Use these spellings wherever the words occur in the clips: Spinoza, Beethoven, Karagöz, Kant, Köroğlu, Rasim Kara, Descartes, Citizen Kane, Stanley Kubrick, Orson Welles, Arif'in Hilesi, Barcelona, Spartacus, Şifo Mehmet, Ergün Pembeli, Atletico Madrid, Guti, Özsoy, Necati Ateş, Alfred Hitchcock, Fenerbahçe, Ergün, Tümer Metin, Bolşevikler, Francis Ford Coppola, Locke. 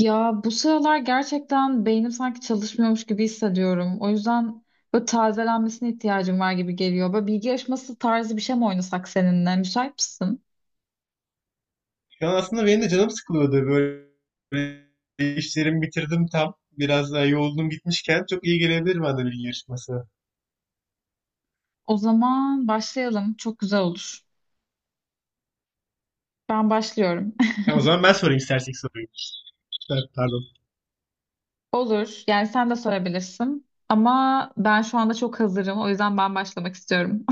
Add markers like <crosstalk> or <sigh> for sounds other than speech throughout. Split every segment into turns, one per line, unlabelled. Ya bu sıralar gerçekten beynim sanki çalışmıyormuş gibi hissediyorum. O yüzden böyle tazelenmesine ihtiyacım var gibi geliyor. Böyle bilgi yarışması tarzı bir şey mi oynasak seninle? Müsait misin?
Şu an aslında benim de canım sıkılıyordu böyle, böyle işlerimi bitirdim tam. Biraz daha yoğunluğum gitmişken çok iyi gelebilir bana bilgi yarışması.
O zaman başlayalım. Çok güzel olur. Ben başlıyorum.
Tamam, o zaman ben sorayım istersen ilk soruyu. Evet, pardon.
<laughs> Olur. Yani sen de sorabilirsin. Ama ben şu anda çok hazırım. O yüzden ben başlamak istiyorum.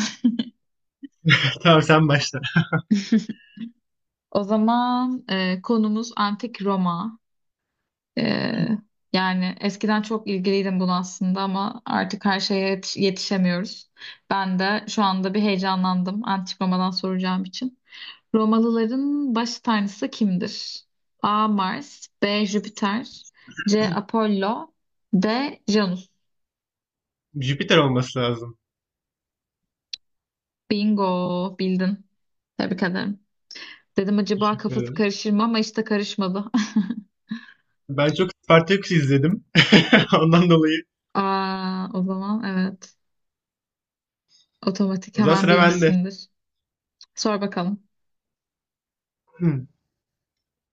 <laughs> Tamam, sen başla.
<laughs> O zaman konumuz Antik Roma. Ee, yani eskiden çok ilgiliydim buna aslında ama artık her şeye yetişemiyoruz. Ben de şu anda bir heyecanlandım antik Roma'dan soracağım için. Romalıların baş tanrısı kimdir? A. Mars B. Jüpiter C. Apollo D. Janus
Jüpiter olması lazım.
Bingo bildin. Tebrik ederim. Dedim acaba
Teşekkür
kafası
ederim.
karışır mı ama işte karışmadı.
Ben çok Spartacus izledim. <laughs> Ondan dolayı.
<laughs> Aa, o zaman evet otomatik
O zaman
hemen
sıra bende.
bilmişsindir. Sor bakalım.
Hmm.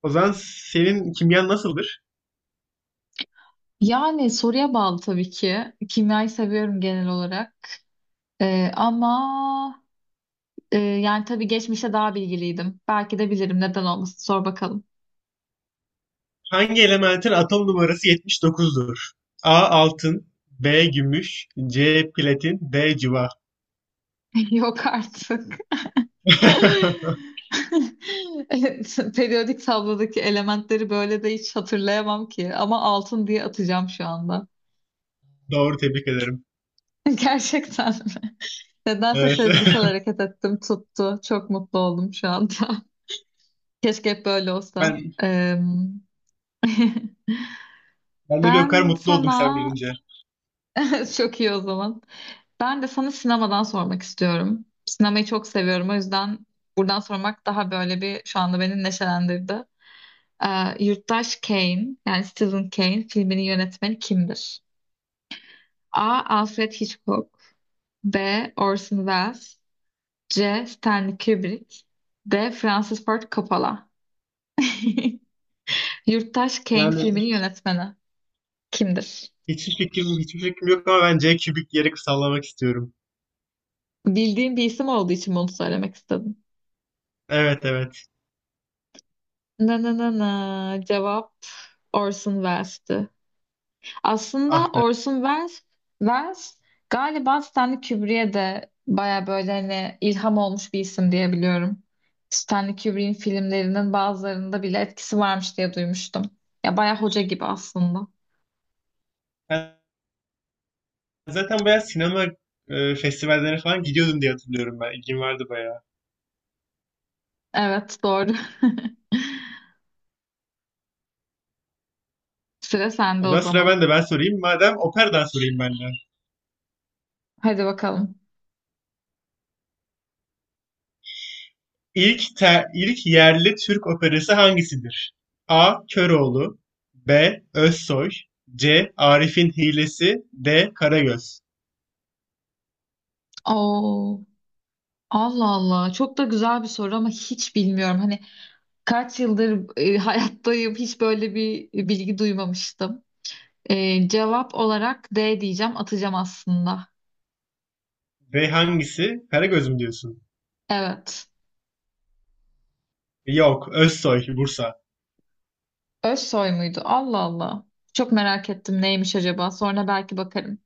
O zaman senin kimyan nasıldır?
Yani soruya bağlı tabii ki. Kimyayı seviyorum genel olarak. Ama yani tabii geçmişte daha bilgiliydim. Belki de bilirim neden olmasın. Sor bakalım.
Hangi elementin atom numarası 79'dur? A altın, B gümüş, C platin, D civa.
<laughs> Yok artık. <laughs>
<laughs>
Evet, periyodik tablodaki elementleri böyle de hiç hatırlayamam ki. Ama altın diye atacağım şu anda.
Doğru, tebrik ederim.
<laughs> Gerçekten mi? Nedense
Evet.
sezgisel
<laughs>
hareket ettim, tuttu. Çok mutlu oldum şu anda. <laughs> Keşke hep böyle olsa.
Ben
<laughs>
ben de bir o kadar
Ben
mutlu oldum
sana
sen bilince.
<laughs> çok iyi o zaman. Ben de sana sinemadan sormak istiyorum. Sinemayı çok seviyorum. O yüzden buradan sormak daha böyle bir şu anda beni neşelendirdi. Yurttaş Kane yani Citizen Kane filminin yönetmeni kimdir? A. Alfred Hitchcock B. Orson Welles C. Stanley Kubrick D. Francis Ford Coppola <laughs> Yurttaş Kane
Yani
filminin yönetmeni kimdir?
hiçbir fikrim yok ama ben C kübik yeri sallamak istiyorum.
Bildiğim bir isim olduğu için bunu söylemek istedim.
Evet, evet.
Na na na na. Cevap Orson Welles'ti. Aslında
Ah be.
Orson Welles, Welles galiba Stanley Kubrick'e de baya böyle hani ilham olmuş bir isim diye biliyorum. Stanley Kubrick'in filmlerinin bazılarında bile etkisi varmış diye duymuştum. Ya baya hoca gibi aslında.
Ben zaten bayağı sinema festivallerine falan gidiyordum diye hatırlıyorum ben. İlgim vardı bayağı.
Evet doğru. <laughs> Sıra sende
O
o
zaman sıra
zaman.
bende, ben sorayım. Madem operadan sorayım ben de.
Hadi bakalım.
İlk yerli Türk operası hangisidir? A. Köroğlu, B. Özsoy, C. Arif'in Hilesi, D. Karagöz.
Oo, Allah Allah. Çok da güzel bir soru ama hiç bilmiyorum. Hani kaç yıldır <laughs> hayattayım hiç böyle bir bilgi duymamıştım. Cevap olarak D diyeceğim atacağım aslında.
Ve hangisi? Karagöz mü diyorsun?
Evet.
Yok, Özsoy, Bursa.
Özsoy muydu? Allah Allah. Çok merak ettim neymiş acaba. Sonra belki bakarım.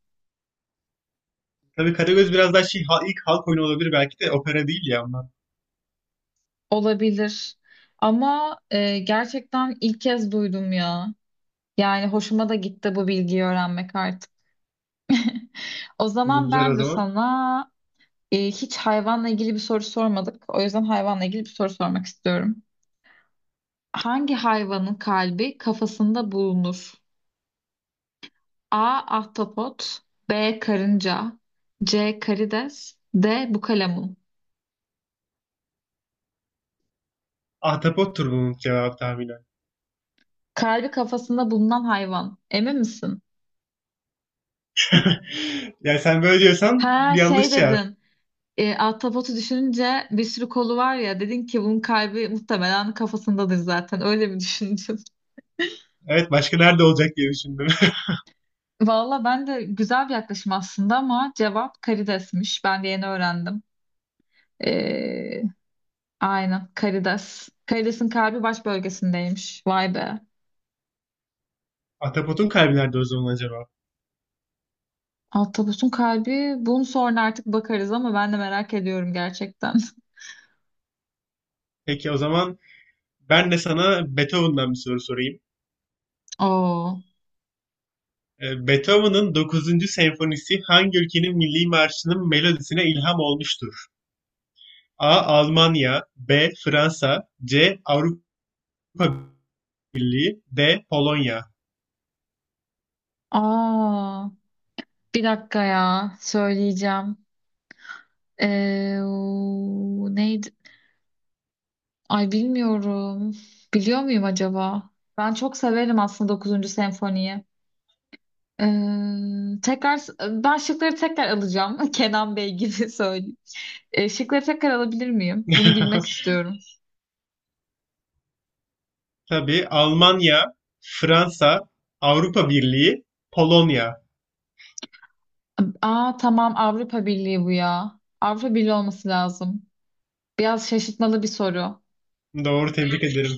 Tabii Karagöz biraz daha şey, ilk halk oyunu olabilir, belki de opera değil ya onlar.
Olabilir. Ama gerçekten ilk kez duydum ya. Yani hoşuma da gitti bu bilgiyi öğrenmek artık. O zaman
Güzel o
ben de
zaman.
sana hiç hayvanla ilgili bir soru sormadık. O yüzden hayvanla ilgili bir soru sormak istiyorum. Hangi hayvanın kalbi kafasında bulunur? A. Ahtapot B. Karınca C. Karides D. Bukalemun
Ahtapottur bunun cevap tahminen.
Kalbi kafasında bulunan hayvan. Emin misin?
<laughs> Yani sen böyle diyorsan
Ha
yanlış
şey
cevap.
dedin. Ahtapotu düşününce bir sürü kolu var ya dedin ki bunun kalbi muhtemelen kafasındadır zaten. Öyle bir düşündün?
Evet, başka nerede olacak diye düşündüm.
<laughs> Valla ben de güzel bir yaklaşım aslında ama cevap karidesmiş. Ben de yeni öğrendim. E, Aynen. Karides. Karides'in kalbi baş bölgesindeymiş. Vay be.
<laughs> Ahtapotun kalbi nerede o zaman acaba?
Ahtapotun kalbi. Bunun sonra artık bakarız ama ben de merak ediyorum gerçekten.
Peki o zaman ben de sana Beethoven'dan bir soru sorayım.
<laughs> Oo.
Beethoven'ın 9. senfonisi hangi ülkenin milli marşının melodisine ilham olmuştur? A. Almanya, B. Fransa, C. Avrupa Birliği, D. Polonya.
Aa. Bir dakika ya. Söyleyeceğim. Neydi? Ay bilmiyorum. Biliyor muyum acaba? Ben çok severim aslında dokuzuncu senfoniyi. Tekrar ben şıkları tekrar alacağım. <laughs> Kenan Bey gibi <laughs> söyleyeyim. Şıkları tekrar alabilir miyim? Bunu bilmek
<laughs>
istiyorum.
Tabii Almanya, Fransa, Avrupa Birliği, Polonya.
Aa tamam Avrupa Birliği bu ya. Avrupa Birliği olması lazım. Biraz şaşırtmalı bir soru.
Doğru, tebrik ederim.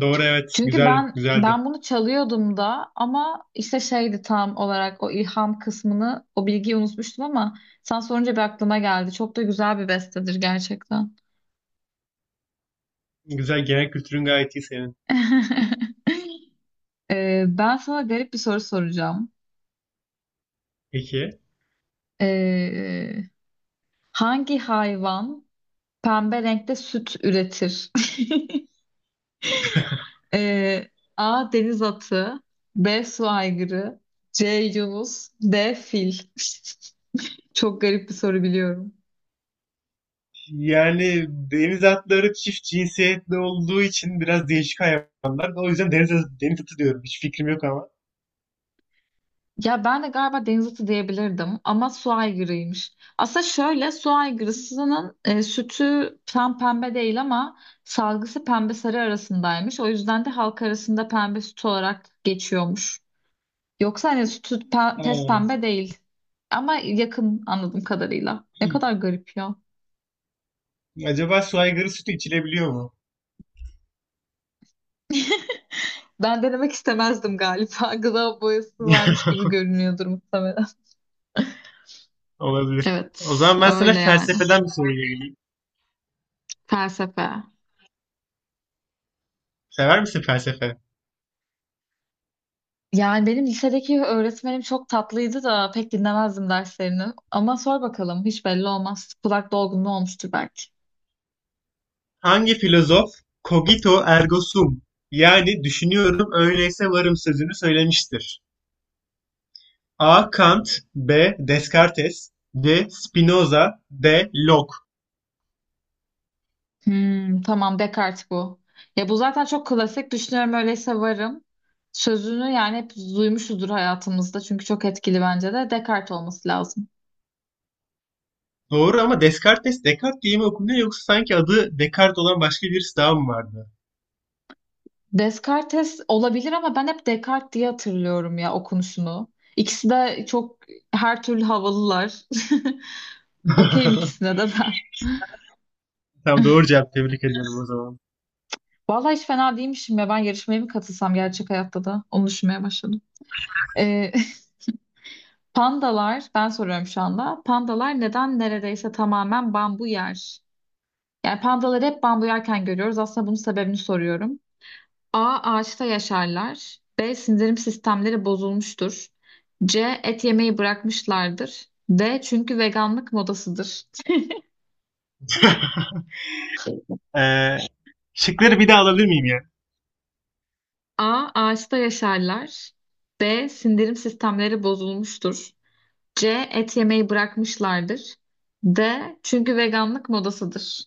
Doğru, evet.
Çünkü
Güzel,
ben
güzeldi.
ben bunu çalıyordum da ama işte şeydi tam olarak o ilham kısmını o bilgiyi unutmuştum ama sen sorunca bir aklıma geldi. Çok da güzel bir bestedir gerçekten.
Güzel, genel kültürün gayet iyi senin.
<laughs> Ben sana garip bir soru soracağım.
Peki.
Ee, hangi hayvan pembe renkte süt üretir? Ee, A. Deniz atı. B. Su aygırı. C. Yunus. D. Fil. <laughs> Çok garip bir soru biliyorum.
Yani deniz atları çift cinsiyetli olduğu için biraz değişik hayvanlar. O yüzden deniz atı diyorum. Hiç fikrim yok ama.
Ya ben de galiba deniz atı diyebilirdim ama su aygırıymış. Aslında şöyle su aygırısının sütü tam pembe değil ama salgısı pembe sarı arasındaymış. O yüzden de halk arasında pembe süt olarak geçiyormuş. Yoksa hani sütü
Ha.
pes pembe değil ama yakın anladığım kadarıyla. Ne kadar garip ya.
Acaba su aygırı sütü içilebiliyor mu?
Ben denemek istemezdim galiba. <laughs> Gıda boyası varmış gibi
<laughs>
görünüyordur muhtemelen.
Olabilir.
Evet,
O zaman ben sana
öyle yani.
felsefeden bir soru geleyim.
Felsefe.
Sever misin felsefe?
Yani benim lisedeki öğretmenim çok tatlıydı da pek dinlemezdim derslerini. Ama sor bakalım hiç belli olmaz. Kulak dolgunluğu olmuştur belki.
Hangi filozof cogito ergo sum, yani düşünüyorum öyleyse varım sözünü söylemiştir? A. Kant, B. Descartes, C. Spinoza, D. Locke.
Hmm, tamam Descartes bu. Ya bu zaten çok klasik. Düşünüyorum öyleyse varım. Sözünü yani hep duymuşuzdur hayatımızda. Çünkü çok etkili bence de. Descartes olması lazım.
Doğru ama Descartes Descartes diye mi okunuyor, yoksa sanki adı Descartes olan başka birisi daha mı vardı?
Descartes olabilir ama ben hep Descartes diye hatırlıyorum ya okunuşunu. İkisi de çok her türlü havalılar. <laughs> Okeyim
<laughs>
ikisine de ben.
Tamam, doğru cevap, tebrik ediyorum o zaman.
Vallahi hiç fena değilmişim ya. Ben yarışmaya mı katılsam gerçek hayatta da? Onu düşünmeye başladım. Ee, <laughs> Pandalar, ben soruyorum şu anda. Pandalar neden neredeyse tamamen bambu yer? Yani pandaları hep bambu yerken görüyoruz. Aslında bunun sebebini soruyorum. A. Ağaçta yaşarlar. B. Sindirim sistemleri bozulmuştur. C. Et yemeyi bırakmışlardır. D. Çünkü veganlık modasıdır.
<laughs> Ee, şıkları bir daha alabilir miyim ya?
A. Ağaçta yaşarlar. B. Sindirim sistemleri bozulmuştur. C. Et yemeyi bırakmışlardır. D. Çünkü veganlık modasıdır.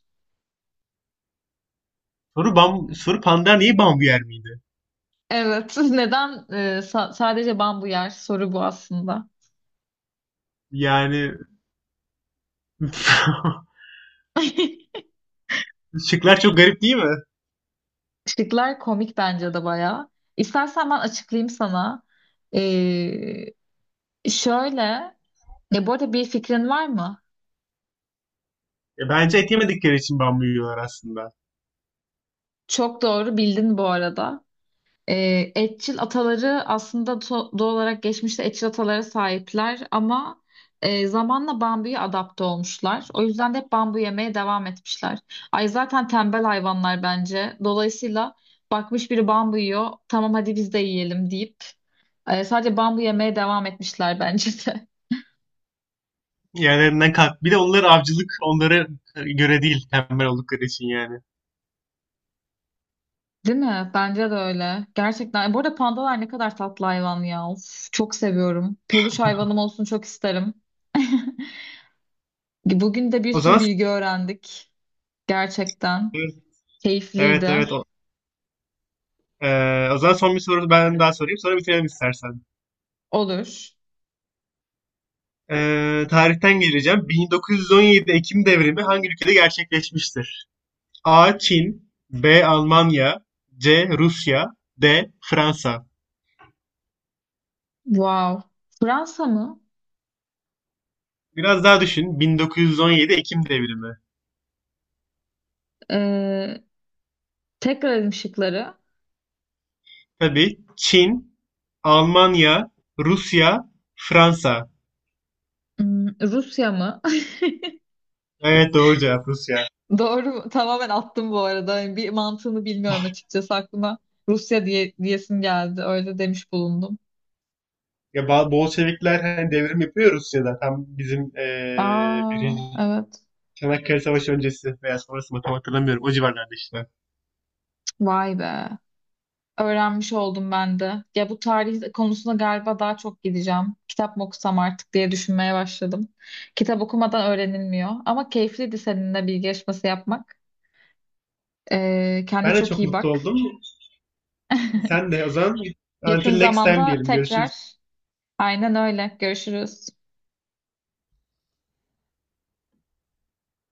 Soru panda neyi bambu yer miydi?
Evet. <laughs> Neden sadece bambu yer? Soru bu aslında.
Yani <laughs>
<laughs>
şıklar çok garip değil mi?
Şıklar komik bence de bayağı. İstersen ben açıklayayım sana. Şöyle, ya bu arada bir fikrin var mı?
Bence et yemedikleri için bambu yiyorlar aslında.
Çok doğru bildin bu arada. Etçil ataları aslında doğal olarak geçmişte etçil atalara sahipler ama zamanla bambuya adapte olmuşlar. O yüzden de hep bambu yemeye devam etmişler. Ay zaten tembel hayvanlar bence. Dolayısıyla bakmış biri bambu yiyor, tamam hadi biz de yiyelim deyip sadece bambu yemeye devam etmişler bence de.
Yerlerinden kalk. Bir de onlar avcılık onlara göre değil, tembel oldukları için yani.
Değil mi? Bence de öyle. Gerçekten. Bu arada pandalar ne kadar tatlı hayvan ya. Of, çok seviyorum. Peluş hayvanım olsun çok isterim. <laughs> Bugün de bir
O
sürü
zaman
bilgi öğrendik. Gerçekten.
evet,
Keyifliydi.
e, o zaman son bir soru ben daha sorayım, sonra bitirelim istersen.
Olur.
E, Tarihten geleceğim. 1917 Ekim devrimi hangi ülkede gerçekleşmiştir? A. Çin, B. Almanya, C. Rusya, D. Fransa.
Wow. Fransa mı?
Biraz daha düşün. 1917 Ekim devrimi.
Ee, tekrar edeyim şıkları.
Tabii Çin, Almanya, Rusya, Fransa.
Hmm, Rusya mı?
Evet, doğru cevap Rusya.
<laughs> Doğru. Tamamen attım bu arada. Yani bir mantığını bilmiyorum açıkçası aklıma. Rusya diye, diyesim geldi. Öyle demiş bulundum.
Ya Bolşevikler hani devrim yapıyor Rusya'da. Tam bizim
Aa,
birinci
evet.
Çanakkale Savaşı öncesi veya sonrası mı tam hatırlamıyorum. O civarlarda işte.
Vay be. Öğrenmiş oldum ben de. Ya bu tarih konusunda galiba daha çok gideceğim. Kitap mı okusam artık diye düşünmeye başladım. Kitap okumadan öğrenilmiyor. Ama keyifliydi seninle bilgi yarışması yapmak. Kendine
Ben de
çok
çok
iyi
mutlu
bak.
oldum.
<laughs>
Sen de o zaman
Yakın
until next time
zamanda
diyelim. Görüşürüz.
tekrar. Aynen öyle. Görüşürüz.